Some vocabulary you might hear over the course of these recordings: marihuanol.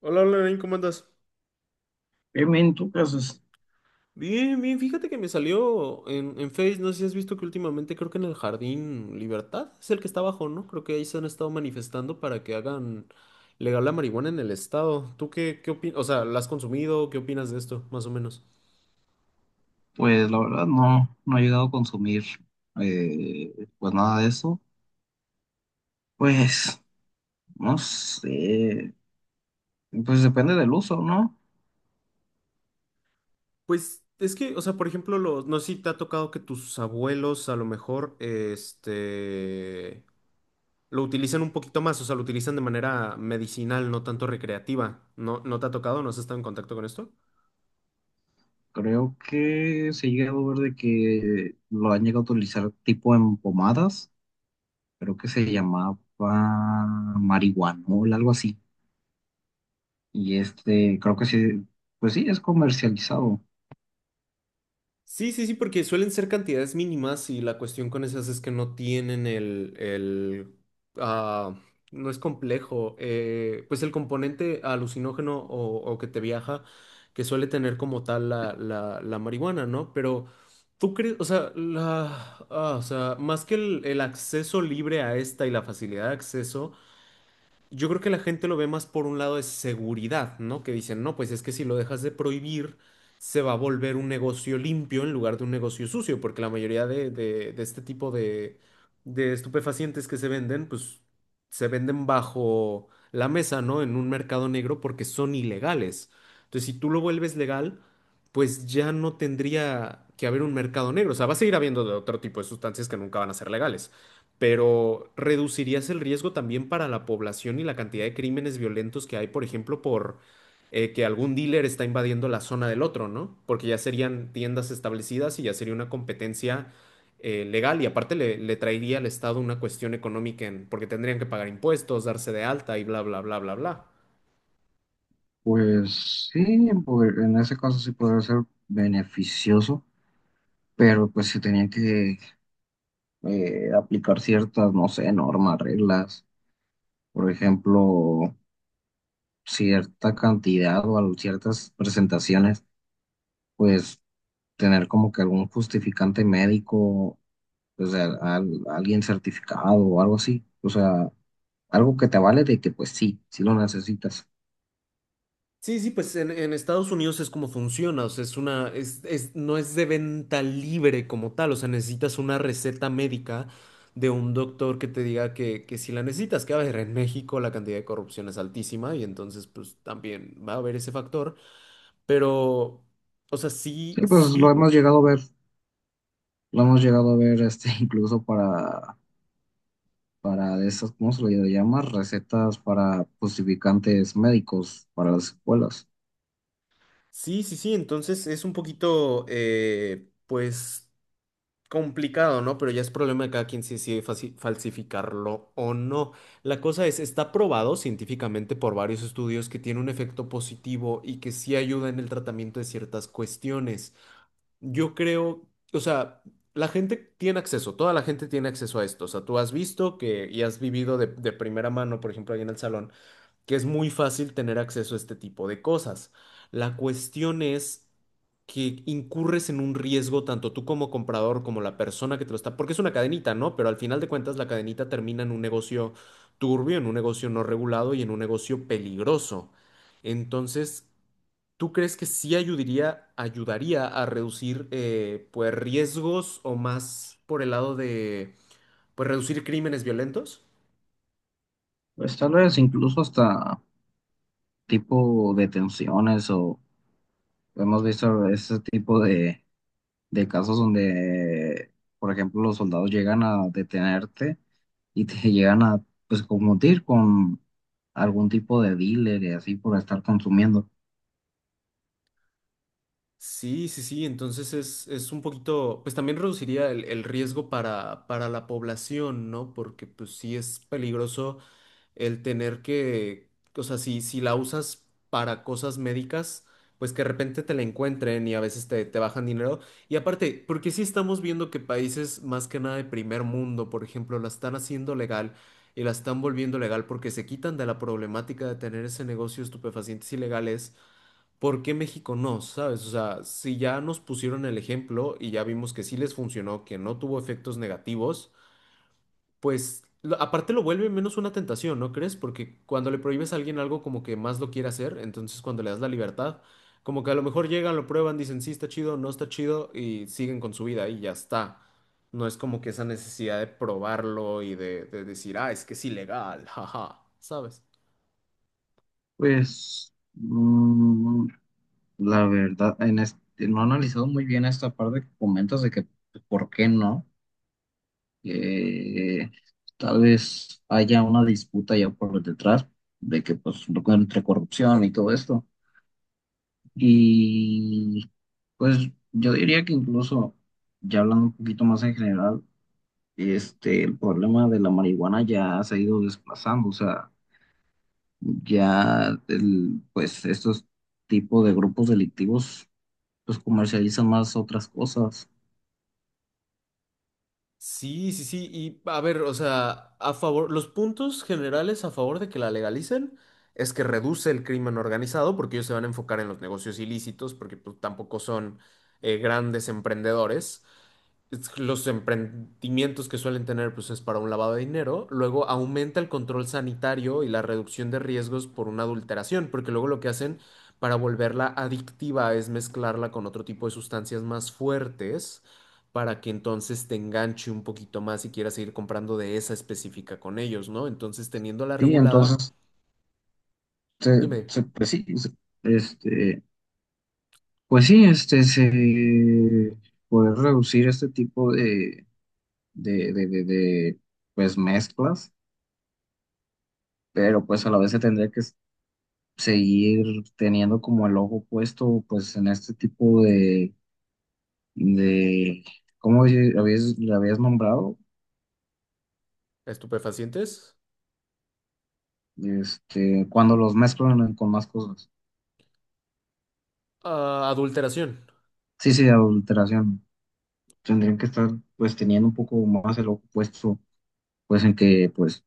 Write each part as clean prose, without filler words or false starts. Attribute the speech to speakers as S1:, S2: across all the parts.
S1: Hola, hola, Nain, ¿cómo andas?
S2: ¿En tu caso es-
S1: Bien, bien, fíjate que me salió en Face, no sé si has visto que últimamente creo que en el Jardín Libertad es el que está abajo, ¿no? Creo que ahí se han estado manifestando para que hagan legal la marihuana en el estado. ¿Tú qué opinas? O sea, ¿la has consumido? ¿Qué opinas de esto, más o menos?
S2: Pues la verdad no, no he llegado a consumir pues nada de eso. Pues no sé, pues depende del uso, ¿no?
S1: Pues es que, o sea, por ejemplo, los, no sé si te ha tocado que tus abuelos a lo mejor, lo utilizan un poquito más, o sea, lo utilizan de manera medicinal, no tanto recreativa. ¿No, no te ha tocado? ¿No has estado en contacto con esto?
S2: Creo que se ha llegado a ver de que lo han llegado a utilizar tipo en pomadas, creo que se llamaba marihuanol, algo así. Y este, creo que sí, pues sí, es comercializado.
S1: Sí, sí, sí, porque suelen ser cantidades mínimas y la cuestión con esas es que no tienen ah, no es complejo, pues el componente alucinógeno o que te viaja, que suele tener como tal la marihuana, ¿no? Pero tú crees, o sea, o sea, más que el acceso libre a esta y la facilidad de acceso, yo creo que la gente lo ve más por un lado de seguridad, ¿no? Que dicen, no, pues es que si lo dejas de prohibir, se va a volver un negocio limpio en lugar de un negocio sucio, porque la mayoría de este tipo de estupefacientes que se venden, pues se venden bajo la mesa, ¿no? En un mercado negro porque son ilegales. Entonces, si tú lo vuelves legal, pues ya no tendría que haber un mercado negro. O sea, va a seguir habiendo de otro tipo de sustancias que nunca van a ser legales, pero reducirías el riesgo también para la población y la cantidad de crímenes violentos que hay, por ejemplo, por que algún dealer está invadiendo la zona del otro, ¿no? Porque ya serían tiendas establecidas y ya sería una competencia legal, y aparte le traería al Estado una cuestión económica porque tendrían que pagar impuestos, darse de alta y bla, bla, bla, bla, bla.
S2: Pues sí, en, poder- en ese caso sí podría ser beneficioso, pero pues se tenía que aplicar ciertas, no sé, normas, reglas, por ejemplo, cierta cantidad o al- ciertas presentaciones, pues tener como que algún justificante médico, o sea, al- alguien certificado o algo así, o sea, algo que te vale de que pues sí, sí lo necesitas.
S1: Sí, sí, pues en Estados Unidos es como funciona, o sea, es una, no es de venta libre como tal, o sea, necesitas una receta médica de un doctor que te diga que si la necesitas, que a ver, en México la cantidad de corrupción es altísima y entonces pues también va a haber ese factor, pero, o sea, sí,
S2: Sí, pues lo
S1: sí,
S2: hemos llegado a ver, lo hemos llegado a ver este incluso para de esas, ¿cómo se le llama? Recetas para justificantes médicos para las escuelas.
S1: sí, sí, sí, entonces es un poquito, pues complicado, ¿no? Pero ya es problema de cada quien si decide falsificarlo o no. La cosa es, está probado científicamente por varios estudios que tiene un efecto positivo y que sí ayuda en el tratamiento de ciertas cuestiones. Yo creo, o sea, la gente tiene acceso, toda la gente tiene acceso a esto. O sea, tú has visto que y has vivido de primera mano, por ejemplo, ahí en el salón que es muy fácil tener acceso a este tipo de cosas. La cuestión es que incurres en un riesgo tanto tú como comprador como la persona que te lo está, porque es una cadenita, ¿no? Pero al final de cuentas la cadenita termina en un negocio turbio, en un negocio no regulado y en un negocio peligroso. Entonces, ¿tú crees que sí ayudaría, ayudaría a reducir pues riesgos o más por el lado de pues reducir crímenes violentos?
S2: Pues tal vez incluso hasta tipo detenciones o hemos visto ese tipo de casos donde, por ejemplo, los soldados llegan a detenerte y te llegan a pues confundir con algún tipo de dealer y así por estar consumiendo.
S1: Sí, sí, sí, entonces es un poquito, pues también reduciría el riesgo para la población, ¿no? Porque pues sí es peligroso el tener que, o sea, si la usas para cosas médicas, pues que de repente te la encuentren y a veces te bajan dinero. Y aparte, porque sí estamos viendo que países más que nada de primer mundo, por ejemplo, la están haciendo legal y la están volviendo legal porque se quitan de la problemática de tener ese negocio de estupefacientes ilegales. ¿Por qué México no? ¿Sabes? O sea, si ya nos pusieron el ejemplo y ya vimos que sí les funcionó, que no tuvo efectos negativos, pues aparte lo vuelve menos una tentación, ¿no crees? Porque cuando le prohíbes a alguien algo, como que más lo quiere hacer; entonces cuando le das la libertad, como que a lo mejor llegan, lo prueban, dicen sí está chido, no está chido, y siguen con su vida y ya está. No es como que esa necesidad de probarlo y de decir, ah, es que es ilegal, jaja, ¿sabes?
S2: Pues mm, la verdad, en este, no he analizado muy bien esta parte que comentas de que pues, por qué no. Que tal vez haya una disputa ya por detrás de que pues entre corrupción y todo esto. Y pues yo diría que incluso, ya hablando un poquito más en general, este, el problema de la marihuana ya se ha ido desplazando, o sea, ya el, pues estos tipos de grupos delictivos pues comercializan más otras cosas.
S1: Sí, sí, sí. Y a ver, o sea, a favor, los puntos generales a favor de que la legalicen es que reduce el crimen organizado, porque ellos se van a enfocar en los negocios ilícitos, porque pues, tampoco son grandes emprendedores. Los emprendimientos que suelen tener, pues es para un lavado de dinero. Luego aumenta el control sanitario y la reducción de riesgos por una adulteración, porque luego lo que hacen para volverla adictiva es mezclarla con otro tipo de sustancias más fuertes para que entonces te enganche un poquito más y quieras seguir comprando de esa específica con ellos, ¿no? Entonces, teniéndola
S2: Sí,
S1: regulada,
S2: entonces, se,
S1: dime,
S2: se, pues sí, se- este... Pues sí, este, se- poder reducir este tipo de, de, de, de, de, pues mezclas, pero pues a la vez se tendría que s- seguir teniendo como el ojo puesto pues en este tipo de ¿cómo di- lo habías nombrado?
S1: estupefacientes,
S2: Este, cuando los mezclan con más cosas.
S1: ah, adulteración.
S2: Sí, sí, adulteración. Tendrían que estar pues teniendo un poco más el ojo puesto pues en que pues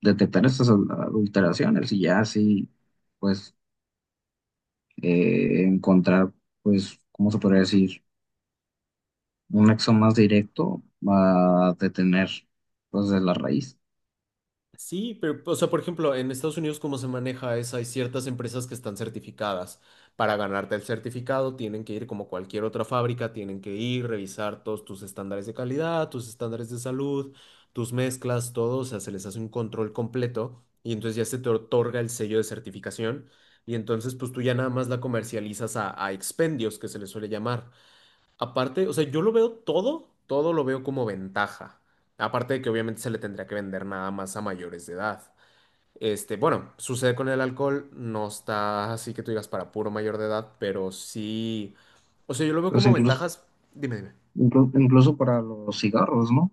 S2: detectar estas adul- adulteraciones y ya así pues encontrar, pues, ¿cómo se podría decir? Un nexo más directo a detener, pues, de la raíz.
S1: Sí, pero, o sea, por ejemplo, en Estados Unidos, ¿cómo se maneja eso? Hay ciertas empresas que están certificadas. Para ganarte el certificado, tienen que ir como cualquier otra fábrica, tienen que ir, revisar todos tus estándares de calidad, tus estándares de salud, tus mezclas, todo. O sea, se les hace un control completo y entonces ya se te otorga el sello de certificación. Y entonces, pues tú ya nada más la comercializas a expendios, que se les suele llamar. Aparte, o sea, yo lo veo todo, todo lo veo como ventaja. Aparte de que obviamente se le tendría que vender nada más a mayores de edad. Este, bueno, sucede con el alcohol, no está así que tú digas para puro mayor de edad, pero sí. O sea, yo lo veo
S2: Pues
S1: como
S2: incluso,
S1: ventajas. Dime, dime.
S2: inclu- incluso para los cigarros, ¿no?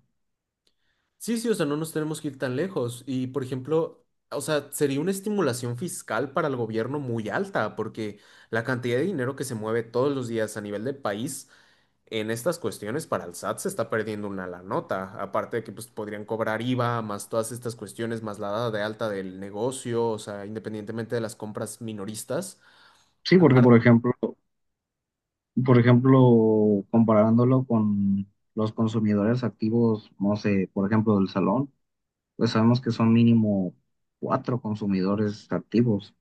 S1: Sí, sí, o sea, no nos tenemos que ir tan lejos. Y, por ejemplo, o sea, sería una estimulación fiscal para el gobierno muy alta, porque la cantidad de dinero que se mueve todos los días a nivel de país en estas cuestiones para el SAT se está perdiendo una la nota, aparte de que pues, podrían cobrar IVA, más todas estas cuestiones, más la dada de alta del negocio, o sea, independientemente de las compras minoristas.
S2: Sí, porque, por
S1: Aparte,
S2: ejemplo, comparándolo con los consumidores activos, no sé, por ejemplo, del salón, pues sabemos que son mínimo 4 consumidores activos.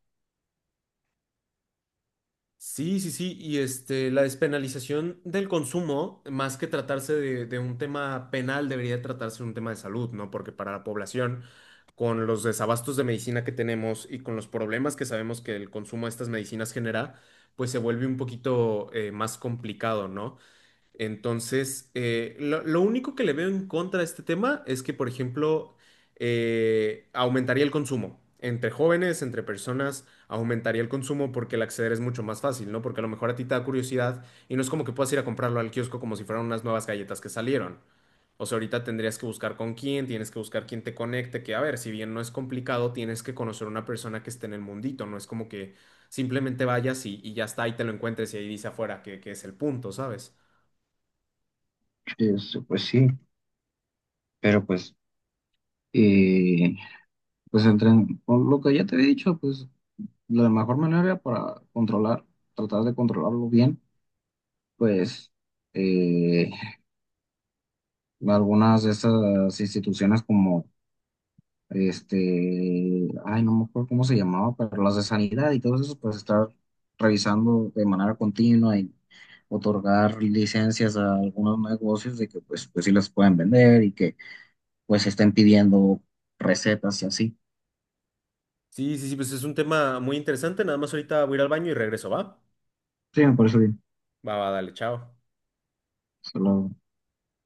S1: sí, sí, sí, y este, la despenalización del consumo, más que tratarse de un tema penal, debería tratarse de un tema de salud, ¿no? Porque para la población, con los desabastos de medicina que tenemos y con los problemas que sabemos que el consumo de estas medicinas genera, pues se vuelve un poquito más complicado, ¿no? Entonces, lo único que le veo en contra de este tema es que, por ejemplo, aumentaría el consumo. Entre jóvenes, entre personas, aumentaría el consumo porque el acceder es mucho más fácil, ¿no? Porque a lo mejor a ti te da curiosidad y no es como que puedas ir a comprarlo al kiosco como si fueran unas nuevas galletas que salieron. O sea, ahorita tendrías que buscar con quién, tienes que buscar quién te conecte, que a ver, si bien no es complicado, tienes que conocer a una persona que esté en el mundito, no es como que simplemente vayas y ya está, y te lo encuentres y ahí dice afuera que es el punto, ¿sabes?
S2: Este, pues sí, pero pues... eh, pues entre, por lo que ya te he dicho, pues la mejor manera para controlar, tratar de controlarlo bien, pues eh, algunas de esas instituciones como este, ay, no me acuerdo cómo se llamaba, pero las de sanidad y todo eso, pues estar revisando de manera continua y otorgar licencias a algunos negocios de que pues, pues sí las pueden vender y que pues estén pidiendo recetas y así.
S1: Sí, sí, sí, pues es un tema muy interesante. Nada más ahorita voy a ir al baño y regreso, ¿va?
S2: Sí, me parece bien.
S1: Va, va, dale, chao.
S2: Hasta luego.